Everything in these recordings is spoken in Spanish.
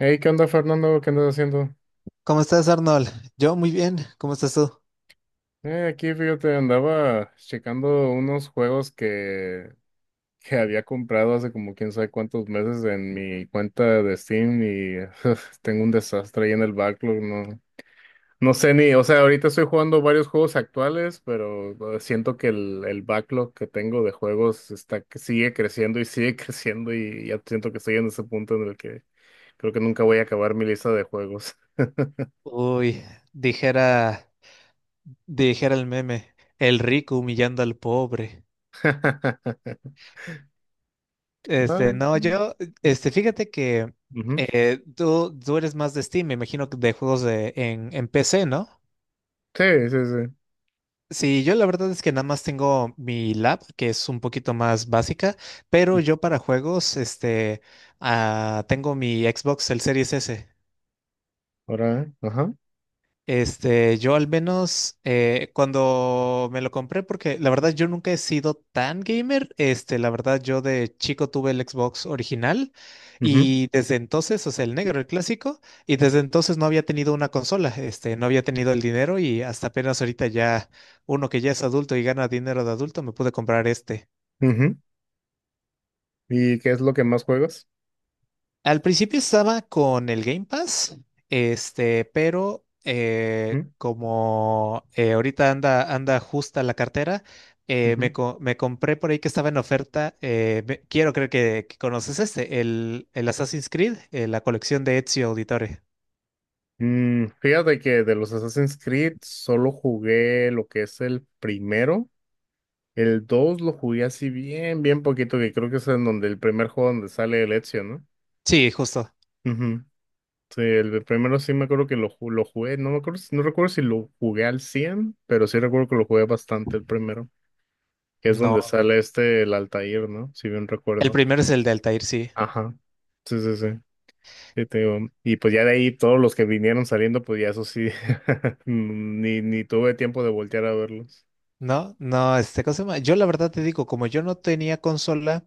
Hey, ¿qué onda, Fernando? ¿Qué andas haciendo? ¿Cómo estás, Arnold? Yo muy bien. ¿Cómo estás tú? Aquí, fíjate, andaba checando unos juegos que había comprado hace como quién sabe cuántos meses en mi cuenta de Steam y tengo un desastre ahí en el backlog. No, no sé ni, o sea, ahorita estoy jugando varios juegos actuales, pero siento que el backlog que tengo de juegos está, que sigue creciendo y sigue creciendo, y ya siento que estoy en ese punto en el que creo que nunca voy a acabar mi lista de juegos. Uy, dijera, dijera el meme, el rico humillando al pobre. Este, Ah. no, yo, este, fíjate que Ujú. Tú eres más de Steam, me imagino que de juegos de, en PC, ¿no? Sí, sí, sí. Sí, yo la verdad es que nada más tengo mi lab, que es un poquito más básica, pero yo para juegos, este, ah, tengo mi Xbox, el Series S. Ahora, ajá. Este, yo al menos cuando me lo compré, porque la verdad yo nunca he sido tan gamer, este, la verdad yo de chico tuve el Xbox original Ujú, y desde entonces, o sea, el negro, el clásico, y desde entonces no había tenido una consola, este, no había tenido el dinero y hasta apenas ahorita ya uno que ya es adulto y gana dinero de adulto me pude comprar este. ujú. ¿Y qué es lo que más juegas? Al principio estaba con el Game Pass, este, pero Ujú, como ahorita anda, anda justa la cartera, me, ujú. Me compré por ahí que estaba en oferta. Quiero creer que conoces este, el Assassin's Creed, la colección de Ezio Auditore. Mm, fíjate que de los Assassin's Creed solo jugué lo que es el primero. El 2 lo jugué así bien, bien poquito, que creo que es en donde el primer juego donde sale el Ezio, ¿no? Sí, justo. Ujú. Sí, el de primero sí me acuerdo que lo jugué, no me acuerdo, no recuerdo si lo jugué al cien, pero sí recuerdo que lo jugué bastante el primero, que es donde No, sale este, el Altair, ¿no? Si bien el recuerdo. primero es el de Altair, sí. Ajá. Sí, sí, sí. Sí, te digo, y pues ya de ahí todos los que vinieron saliendo, pues ya eso sí, ni tuve tiempo de voltear a verlos. No, no, este, ¿cómo se llama? Yo la verdad te digo, como yo no tenía consola,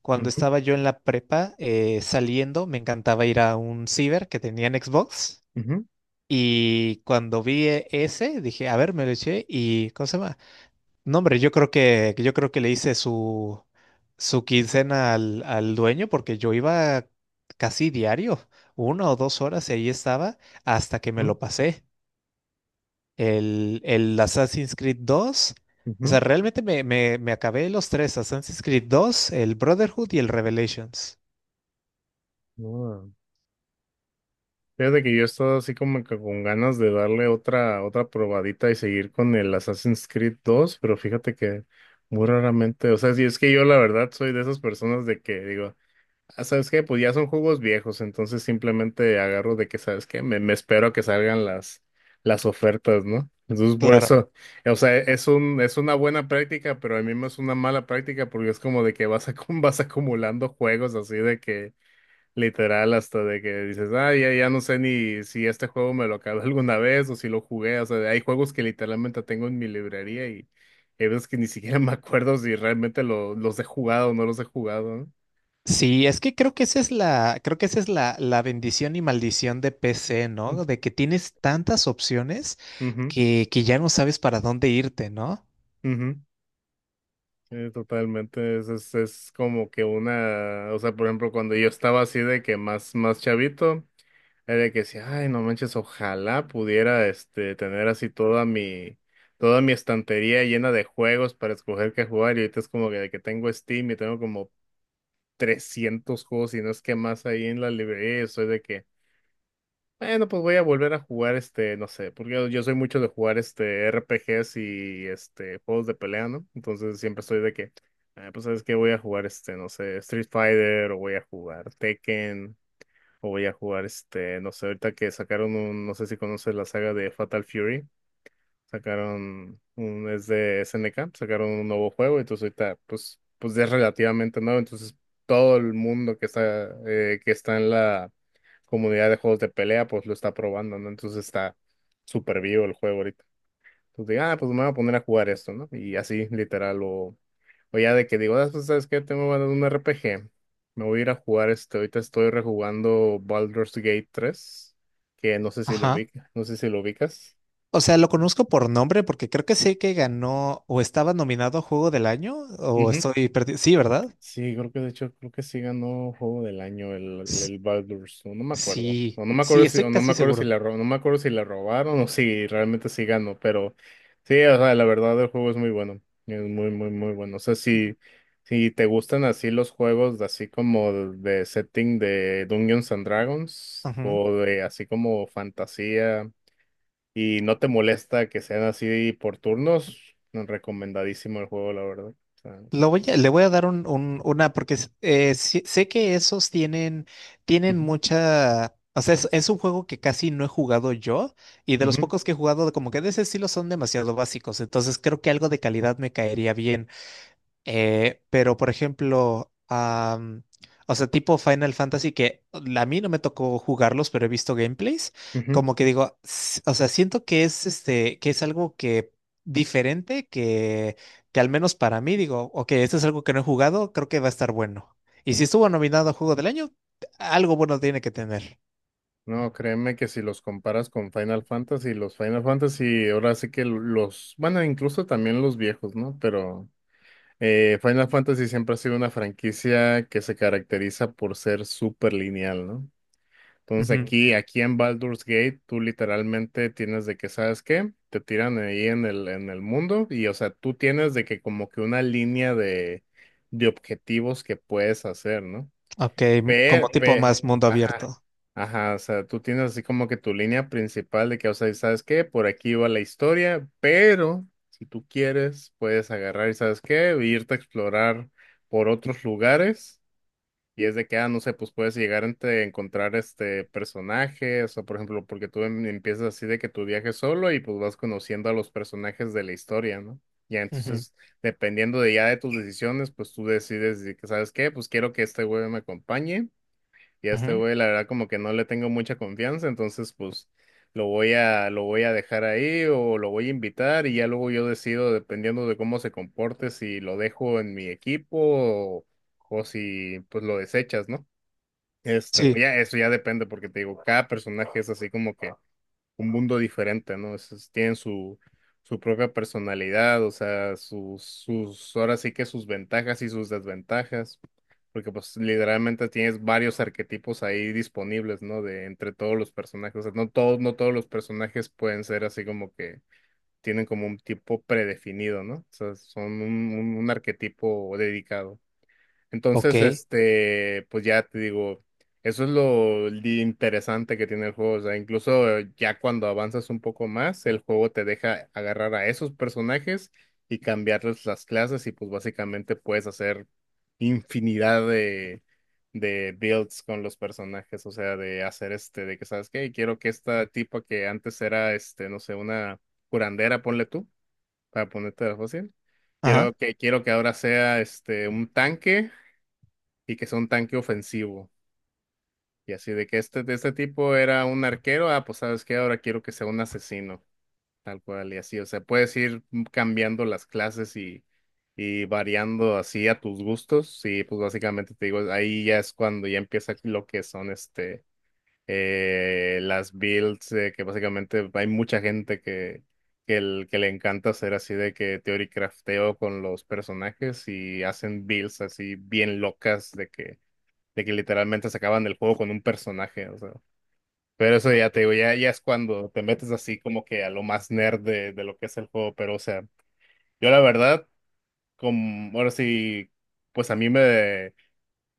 cuando Ujú, estaba yo en la prepa saliendo, me encantaba ir a un ciber que tenía en Xbox. ujú, Y cuando vi ese, dije, a ver, me lo eché y ¿cómo se llama? No, hombre, yo creo que le hice su, su quincena al, al dueño porque yo iba casi diario, una o dos horas y ahí estaba hasta que me ujú, lo pasé el Assassin's Creed dos. O ujú. sea, realmente me, me, me acabé los tres, Assassin's Creed dos, el Brotherhood y el Revelations. No, fíjate que yo he estado así como que con ganas de darle otra probadita y seguir con el Assassin's Creed dos, pero fíjate que muy raramente, o sea, si es que yo la verdad soy de esas personas de que digo, ah, ¿sabes qué? Pues ya son juegos viejos, entonces simplemente agarro de que, ¿sabes qué? Me espero a que salgan las ofertas, ¿no? Entonces por Claro. eso, o sea, es un, es una buena práctica, pero al mismo es una mala práctica porque es como de que vas acumulando juegos así de que literal hasta de que dices, ah, ya no sé ni si este juego me lo acabé alguna vez o si lo jugué, o sea, hay juegos que literalmente tengo en mi librería y hay veces que ni siquiera me acuerdo si realmente los he jugado o no los he jugado, Sí, es que creo que esa es la, creo que esa es la, la bendición y maldición de PC, ¿no? ¿no? De que tienes tantas opciones Ujú. Que ya no sabes para dónde irte, ¿no? Ujú, totalmente, es como que una, o sea, por ejemplo, cuando yo estaba así de que más, más chavito, era de que decía, ay, no manches, ojalá pudiera, este, tener así toda mi estantería llena de juegos para escoger qué jugar, y ahorita es como que de que tengo Steam y tengo como 300 juegos y no es que más ahí en la librería, y soy de que, bueno, pues voy a volver a jugar este, no sé, porque yo soy mucho de jugar este RPGs y este juegos de pelea, ¿no? Entonces siempre estoy de que, ah, pues sabes que voy a jugar este, no sé, Street Fighter, o voy a jugar Tekken, o voy a jugar este, no sé, ahorita que sacaron un, no sé si conoces la saga de Fatal Fury, sacaron un, es de SNK, sacaron un nuevo juego, entonces ahorita, pues ya es relativamente nuevo, entonces todo el mundo que está en la comunidad de juegos de pelea, pues lo está probando, ¿no? Entonces está súper vivo el juego ahorita. Entonces digo, ah, pues me voy a poner a jugar esto, ¿no? Y así, literal, o ya de que digo, ah, pues, ¿sabes qué? Tengo ganas de un RPG, me voy a ir a jugar este, ahorita estoy rejugando Baldur's Gate tres, que no sé si lo Ajá. ubica, no sé si lo ubicas. O sea, lo conozco por nombre porque creo que sé que ganó o estaba nominado a Juego del Año o Ujú. estoy perdido. Sí, ¿verdad? Sí, creo que de hecho, creo que sí ganó juego del año S- el Baldur's, no, no me acuerdo. Sí, No, no me acuerdo sí, si, o estoy no me casi acuerdo seguro. No me acuerdo si la robaron o si realmente sí ganó, pero sí, o sea, la verdad el juego es muy bueno. Es muy, muy, muy bueno. O sea, si, si te gustan así los juegos de así como de setting de Dungeons and Dragons, o de así como fantasía, y no te molesta que sean así por turnos, recomendadísimo el juego, la verdad. O sea, Le voy a dar un, una, porque sé que esos tienen, tienen ujú, mucha, o sea, es un juego que casi no he jugado yo y de los ujú, pocos que he jugado, como que de ese estilo son demasiado básicos, entonces creo que algo de calidad me caería bien. Pero, por ejemplo, am, o sea, tipo Final Fantasy, que a mí no me tocó jugarlos, pero he visto gameplays, ujú. como que digo, o sea, siento que es este, que es algo que diferente, que al menos para mí digo, ok, esto es algo que no he jugado, creo que va a estar bueno. Y si estuvo nominado a Juego del Año, algo bueno tiene que tener. No, créeme que si los comparas con Final Fantasy, los Final Fantasy, ahora sí que los, bueno, incluso también los viejos, ¿no? Pero Final Fantasy siempre ha sido una franquicia que se caracteriza por ser súper lineal, ¿no? Entonces Ujú. Aquí en Baldur's Gate, tú literalmente tienes de que, ¿sabes qué? Te tiran ahí en en el mundo y, o sea, tú tienes de que como que una línea de objetivos que puedes hacer, ¿no? Ok, como Pero, tipo pero, más mundo ajá, abierto. ajá, o sea, tú tienes así como que tu línea principal de que, o sea, ¿sabes qué? Por aquí va la historia, pero si tú quieres, puedes agarrar y, ¿sabes qué? Irte a explorar por otros lugares. Y es de que, ah, no sé, pues puedes llegar a encontrar este personajes, o por ejemplo, porque empiezas así de que tu viaje solo y pues vas conociendo a los personajes de la historia, ¿no? Ya Ujú, entonces, dependiendo de ya de tus decisiones, pues tú decides de que, ¿sabes qué? Pues quiero que este güey me acompañe, y a este ujú. güey, la verdad, como que no le tengo mucha confianza, entonces pues lo voy a dejar ahí, o lo voy a invitar, y ya luego yo decido, dependiendo de cómo se comporte, si lo dejo en mi equipo o si pues lo desechas, ¿no? Este, Sí. pues ya, eso ya depende, porque te digo, cada personaje es así como que un mundo diferente, ¿no? Tienen su propia personalidad, o sea, sus, sus, ahora sí que sus ventajas y sus desventajas, porque pues literalmente tienes varios arquetipos ahí disponibles, ¿no? De entre todos los personajes, o sea, no todos, no todos los personajes pueden ser así como que tienen como un tipo predefinido, ¿no? O sea, son un arquetipo dedicado. Ok. Entonces, este, pues ya te digo, eso es lo interesante que tiene el juego. O sea, incluso ya cuando avanzas un poco más, el juego te deja agarrar a esos personajes y cambiarles las clases, y pues básicamente puedes hacer infinidad de builds con los personajes. O sea, de hacer este, de que, ¿sabes qué? Quiero que esta tipa que antes era, este, no sé, una curandera, ponle tú, para ponerte fácil. Ajá. Quiero que ahora sea este un tanque y que sea un tanque ofensivo. Y así de que este, de este tipo era un arquero, ah, pues sabes qué, ahora quiero que sea un asesino, tal cual, y así, o sea, puedes ir cambiando las clases y variando así a tus gustos, y pues básicamente te digo, ahí ya es cuando ya empieza lo que son este, las builds, que básicamente hay mucha gente que... Que, el, que le encanta hacer así de que teoricrafteo con los personajes y hacen builds así bien locas de que literalmente se acaban el juego con un personaje, o sea. Pero eso ya te digo, ya es cuando te metes así como que a lo más nerd de lo que es el juego, pero o sea, yo la verdad, como, ahora sí, pues a mí me,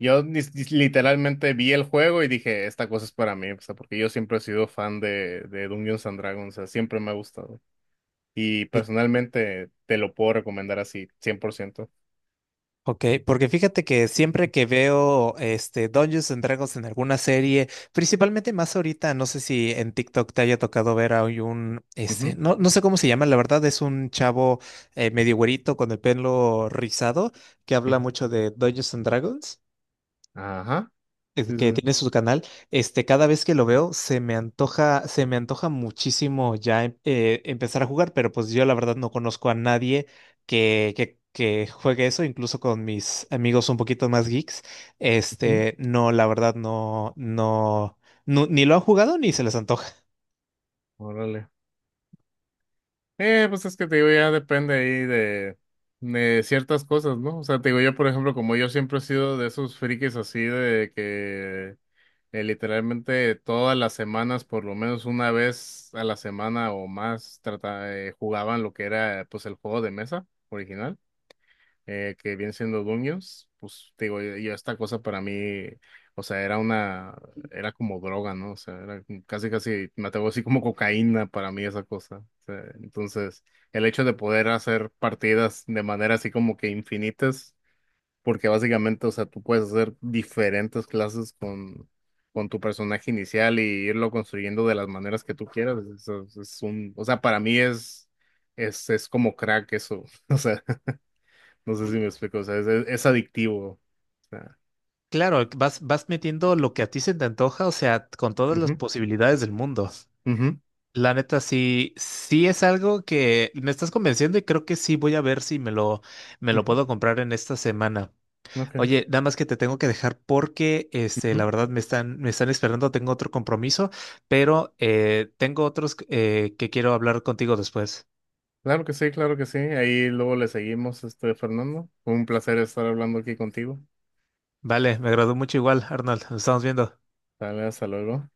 yo literalmente vi el juego y dije, esta cosa es para mí, o sea, porque yo siempre he sido fan de Dungeons and Dragons, o sea, siempre me ha gustado. Y personalmente te lo puedo recomendar así, 100%. Ok, porque fíjate que siempre que veo este Dungeons and Dragons en alguna serie, principalmente más ahorita, no sé si en TikTok te haya tocado ver a hoy un este, Ujú, no, no sé cómo se llama, la verdad es un chavo medio güerito con el pelo rizado que habla ujú. mucho de Dungeons and Dragons Ajá. Sí, sí. que Sí. tiene su canal, este, cada vez que lo veo se me antoja muchísimo ya empezar a jugar, pero pues yo la verdad no conozco a nadie que, que juegue eso, incluso con mis amigos un poquito más geeks, Ujú. este, no, la verdad no, no, no, ni lo han jugado ni se les antoja. Órale. Pues es que te digo, ya depende ahí de ciertas cosas, ¿no? O sea, te digo, yo, por ejemplo, como yo siempre he sido de esos frikis así de que literalmente todas las semanas, por lo menos una vez a la semana o más, trata, jugaban lo que era pues el juego de mesa original, que vienen siendo Dungeons, pues te digo, yo esta cosa para mí, o sea, era una, era como droga, ¿no? O sea, era como- casi, casi, me atrevo así como cocaína para mí esa cosa. O sea, entonces, el hecho de poder hacer partidas de manera así como que infinitas, porque básicamente, o sea, tú puedes hacer diferentes clases con tu personaje inicial y irlo construyendo de las maneras que tú quieras. Es un, o sea, para mí es como crack eso. O sea, no sé si me explico, o sea, es adictivo. O sea, Claro, vas, vas metiendo lo que a ti se te antoja, o sea, con todas las ujú, posibilidades del mundo. ujú, La neta, sí, sí es algo que me estás convenciendo y creo que sí voy a ver si me lo, me lo ujú, puedo comprar en esta semana. ok, Oye, nada más que te tengo que dejar porque, este, la ujú. verdad me están esperando, tengo otro compromiso, pero tengo otros que quiero hablar contigo después. Claro que sí, claro que sí. Ahí luego le seguimos, este, Fernando. Fue un placer estar hablando aquí contigo. Vale, me agradó mucho igual, Arnold, nos estamos viendo. Dale, hasta luego.